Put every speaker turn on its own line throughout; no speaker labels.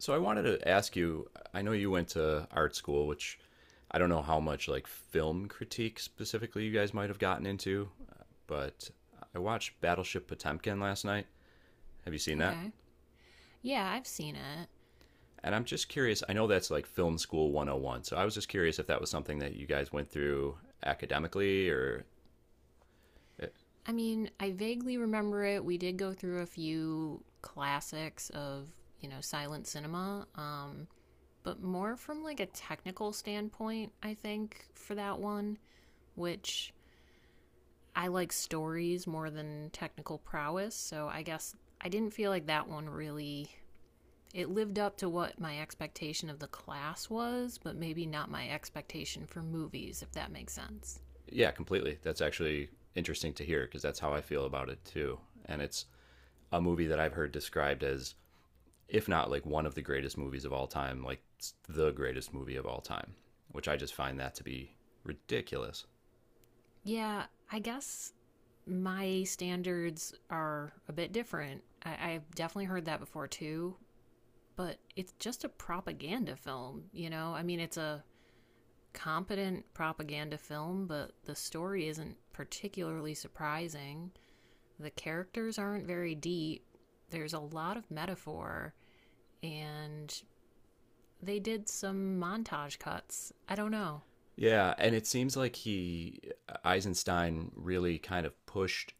So I wanted to ask you, I know you went to art school, which I don't know how much like film critique specifically you guys might have gotten into, but I watched Battleship Potemkin last night. Have you seen that?
Okay. Yeah, I've seen it.
And I'm just curious, I know that's like film school 101. So I was just curious if that was something that you guys went through academically or eh,
I mean, I vaguely remember it. We did go through a few classics of, you know, silent cinema, but more from like a technical standpoint, I think, for that one, which I like stories more than technical prowess. So I guess I didn't feel like that one really. It lived up to what my expectation of the class was, but maybe not my expectation for movies, if that makes sense.
yeah, completely. That's actually interesting to hear because that's how I feel about it too. And it's a movie that I've heard described as if not like one of the greatest movies of all time, like the greatest movie of all time, which I just find that to be ridiculous.
Yeah, I guess my standards are a bit different. I've definitely heard that before too, but it's just a propaganda film, you know? I mean, it's a competent propaganda film, but the story isn't particularly surprising. The characters aren't very deep. There's a lot of metaphor, and they did some montage cuts. I don't know.
Yeah, and it seems like he Eisenstein really kind of pushed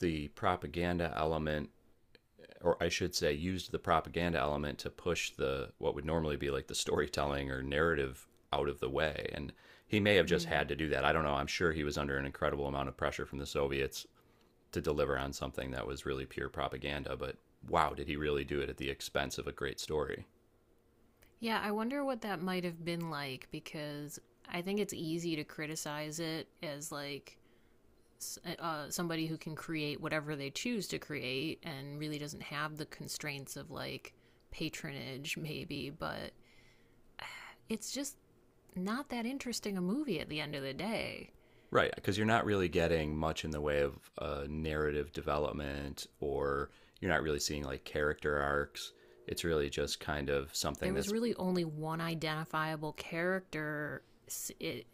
the propaganda element, or I should say used the propaganda element to push the what would normally be like the storytelling or narrative out of the way. And he may have just
Mm.
had to do that. I don't know. I'm sure he was under an incredible amount of pressure from the Soviets to deliver on something that was really pure propaganda, but wow, did he really do it at the expense of a great story?
Yeah, I wonder what that might have been like because I think it's easy to criticize it as like somebody who can create whatever they choose to create and really doesn't have the constraints of like patronage, maybe, but it's just not that interesting a movie at the end of the day.
Right, because you're not really getting much in the way of narrative development, or you're not really seeing like character arcs. It's really just kind of something
There was
that's,
really only one identifiable character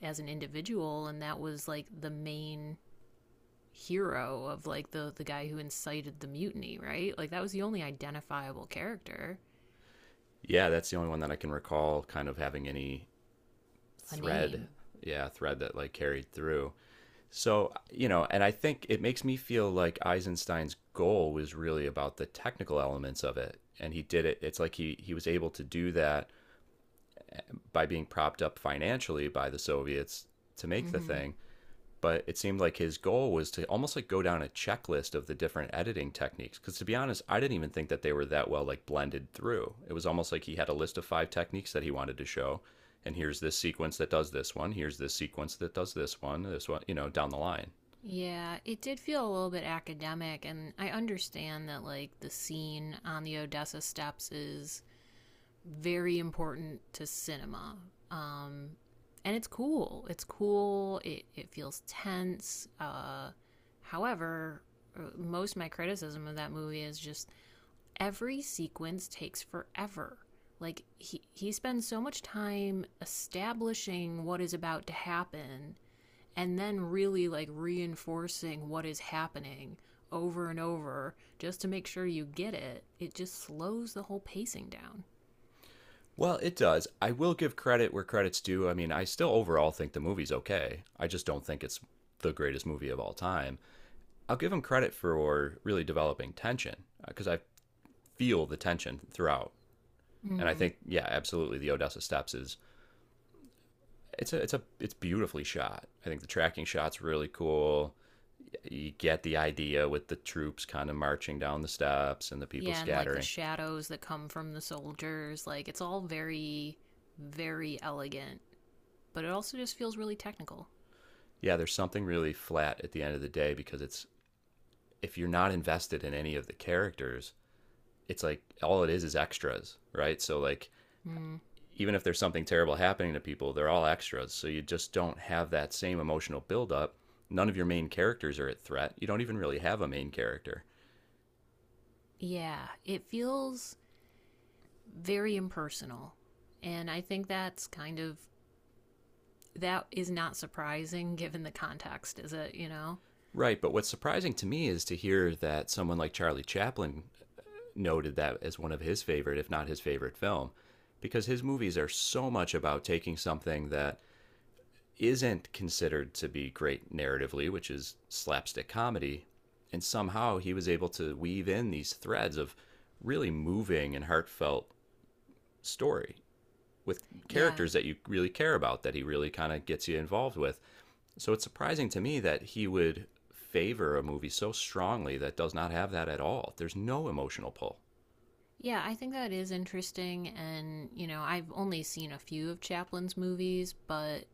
as an individual, and that was like the main hero of like the guy who incited the mutiny, right? Like that was the only identifiable character,
yeah, that's the only one that I can recall kind of having any
a
thread,
name.
yeah, thread that like carried through. So, you know, and I think it makes me feel like Eisenstein's goal was really about the technical elements of it. And he did it. It's like he was able to do that by being propped up financially by the Soviets to make the
Mhm.
thing. But it seemed like his goal was to almost like go down a checklist of the different editing techniques. Because to be honest, I didn't even think that they were that well like blended through. It was almost like he had a list of five techniques that he wanted to show. And here's this sequence that does this one. Here's this sequence that does this one. This one, you know, down the line.
Yeah, it did feel a little bit academic and I understand that like the scene on the Odessa steps is very important to cinema. Um and it's cool. It's cool. It feels tense. However, most of my criticism of that movie is just every sequence takes forever. Like he spends so much time establishing what is about to happen and then really like reinforcing what is happening over and over just to make sure you get it. It just slows the whole pacing down.
Well, it does. I will give credit where credit's due. I mean, I still overall think the movie's okay. I just don't think it's the greatest movie of all time. I'll give him credit for really developing tension because I feel the tension throughout. And I
Mm.
think, yeah, absolutely, the Odessa Steps is it's beautifully shot. I think the tracking shot's really cool. You get the idea with the troops kind of marching down the steps and the people
Yeah, and like the
scattering.
shadows that come from the soldiers, like it's all very very elegant, but it also just feels really technical.
Yeah, there's something really flat at the end of the day because it's if you're not invested in any of the characters, it's like all it is extras, right? So like
Mm.
even if there's something terrible happening to people, they're all extras. So you just don't have that same emotional buildup. None of your main characters are at threat. You don't even really have a main character.
Yeah, it feels very impersonal. And I think that's kind of that is not surprising given the context, is it, you know?
Right, but what's surprising to me is to hear that someone like Charlie Chaplin noted that as one of his favorite, if not his favorite film, because his movies are so much about taking something that isn't considered to be great narratively, which is slapstick comedy. And somehow he was able to weave in these threads of really moving and heartfelt story with
Yeah.
characters that you really care about, that he really kind of gets you involved with. So it's surprising to me that he would favor a movie so strongly that does not have that at all. There's no emotional pull.
Yeah, I think that is interesting and, you know, I've only seen a few of Chaplin's movies, but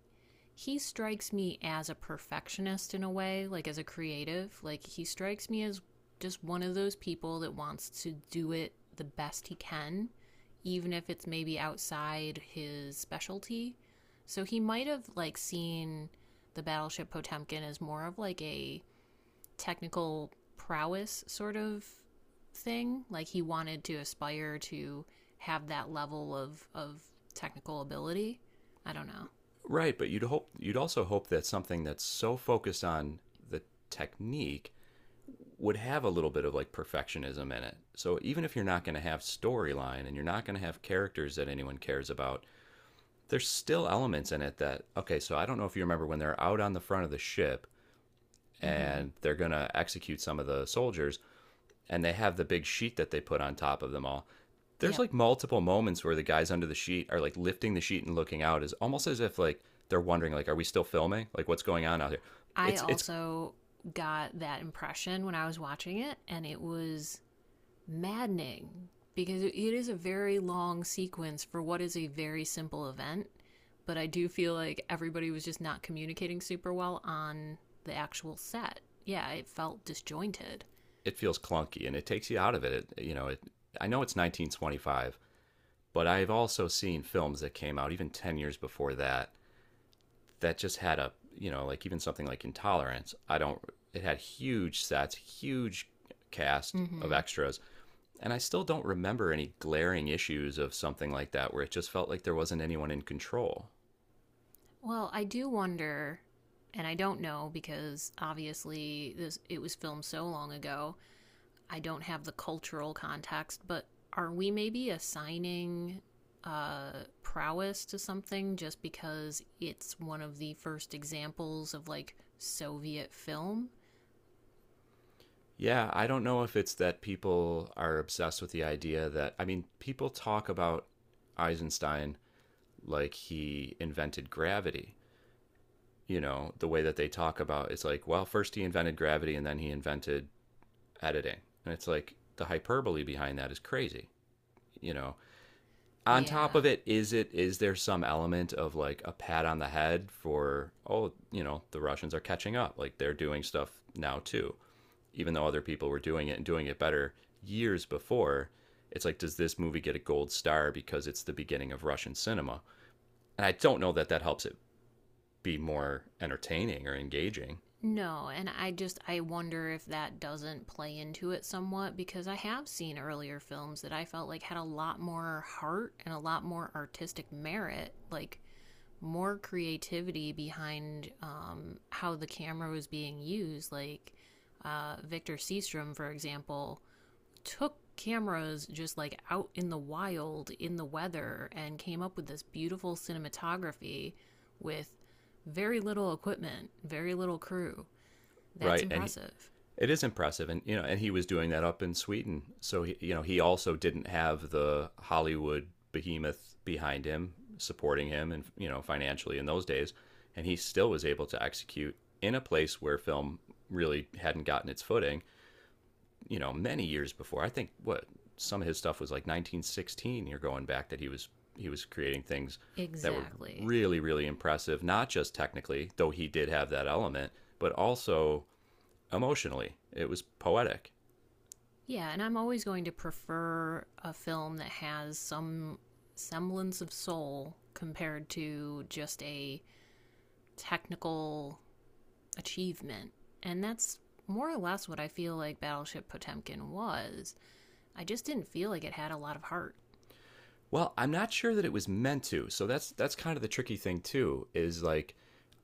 he strikes me as a perfectionist in a way, like as a creative. Like he strikes me as just one of those people that wants to do it the best he can, even if it's maybe outside his specialty. So he might have like seen the Battleship Potemkin as more of like a technical prowess sort of thing. Like he wanted to aspire to have that level of technical ability. I don't know.
Right, but you'd also hope that something that's so focused on the technique would have a little bit of like perfectionism in it. So even if you're not going to have storyline and you're not going to have characters that anyone cares about, there's still elements in it that okay, so I don't know if you remember when they're out on the front of the ship
Mhm.
and they're going to execute some of the soldiers and they have the big sheet that they put on top of them all. There's
Yep.
like multiple moments where the guys under the sheet are like lifting the sheet and looking out is almost as if like they're wondering like are we still filming? Like what's going on out here?
I
It's
also got that impression when I was watching it, and it was maddening because it is a very long sequence for what is a very simple event. But I do feel like everybody was just not communicating super well on the actual set. Yeah, it felt disjointed.
it feels clunky and it takes you out of it. I know it's 1925, but I've also seen films that came out even 10 years before that that just had a, you know, like even something like Intolerance. I don't, it had huge sets, huge cast of
Mm-hmm.
extras. And I still don't remember any glaring issues of something like that where it just felt like there wasn't anyone in control.
Well, I do wonder, and I don't know because obviously this it was filmed so long ago, I don't have the cultural context, but are we maybe assigning uh, prowess to something just because it's one of the first examples of like Soviet film?
Yeah, I don't know if it's that people are obsessed with the idea that, I mean, people talk about Eisenstein like he invented gravity. You know, the way that they talk about it's like, well, first he invented gravity and then he invented editing. And it's like the hyperbole behind that is crazy, you know. On top
Yeah.
of it, is there some element of like a pat on the head for oh, you know, the Russians are catching up. Like they're doing stuff now too. Even though other people were doing it and doing it better years before, it's like does this movie get a gold star because it's the beginning of Russian cinema? And I don't know that that helps it be more entertaining or engaging,
No, and I just I wonder if that doesn't play into it somewhat because I have seen earlier films that I felt like had a lot more heart and a lot more artistic merit. Like more creativity behind how the camera was being used. Like Victor Seastrom, for example, took cameras just like out in the wild in the weather and came up with this beautiful cinematography with very little equipment, very little crew. That's
right?
impressive.
It is impressive, and you know, and he was doing that up in Sweden, so he, you know, he also didn't have the Hollywood behemoth behind him supporting him, and you know, financially in those days, and he still was able to execute in a place where film really hadn't gotten its footing, you know, many years before. I think what some of his stuff was like 1916. You're going back that he was creating things that were
Exactly.
really really impressive, not just technically, though he did have that element, but also emotionally. It was poetic.
Yeah, and I'm always going to prefer a film that has some semblance of soul compared to just a technical achievement. And that's more or less what I feel like Battleship Potemkin was. I just didn't feel like it had a lot of heart,
Well, I'm not sure that it was meant to. So that's kind of the tricky thing too. Is like,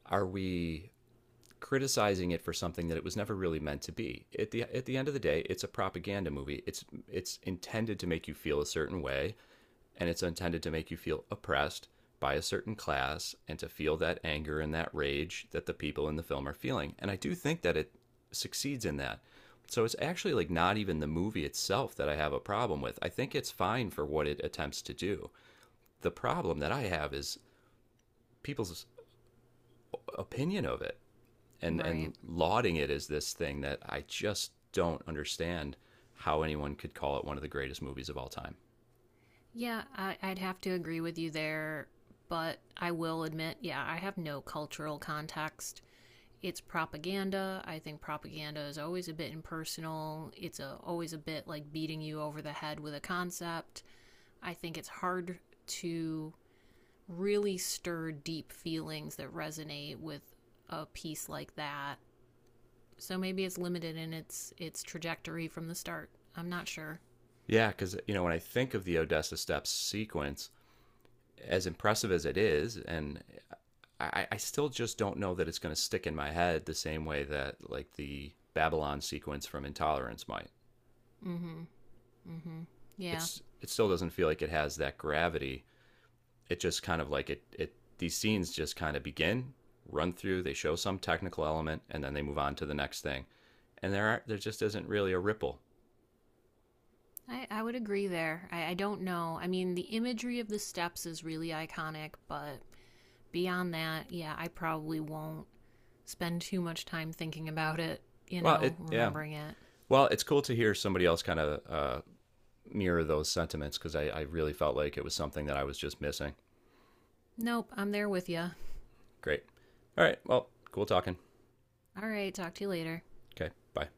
are we criticizing it for something that it was never really meant to be. At the end of the day, it's a propaganda movie. It's intended to make you feel a certain way, and it's intended to make you feel oppressed by a certain class and to feel that anger and that rage that the people in the film are feeling. And I do think that it succeeds in that. So it's actually like not even the movie itself that I have a problem with. I think it's fine for what it attempts to do. The problem that I have is people's opinion of it and
right?
and lauding it as this thing that I just don't understand how anyone could call it one of the greatest movies of all time.
Yeah, I'd have to agree with you there, but I will admit, yeah, I have no cultural context. It's propaganda. I think propaganda is always a bit impersonal. It's always a bit like beating you over the head with a concept. I think it's hard to really stir deep feelings that resonate with a piece like that. So maybe it's limited in its trajectory from the start. I'm not sure.
Yeah, cuz you know when I think of the Odessa Steps sequence, as impressive as it is, and I still just don't know that it's going to stick in my head the same way that like the Babylon sequence from Intolerance might.
Mm-hmm. Mm-hmm. Yeah.
It's it still doesn't feel like it has that gravity. It just kind of like it these scenes just kind of begin, run through, they show some technical element, and then they move on to the next thing. And there just isn't really a ripple.
I would agree there. I don't know. I mean the imagery of the steps is really iconic, but beyond that, yeah, I probably won't spend too much time thinking about it, you
Well,
know,
it yeah.
remembering it.
Well, it's cool to hear somebody else kind of mirror those sentiments because I really felt like it was something that I was just missing.
Nope, I'm there with you.
Great. All right. Well, cool talking.
All right, talk to you later.
Okay. Bye.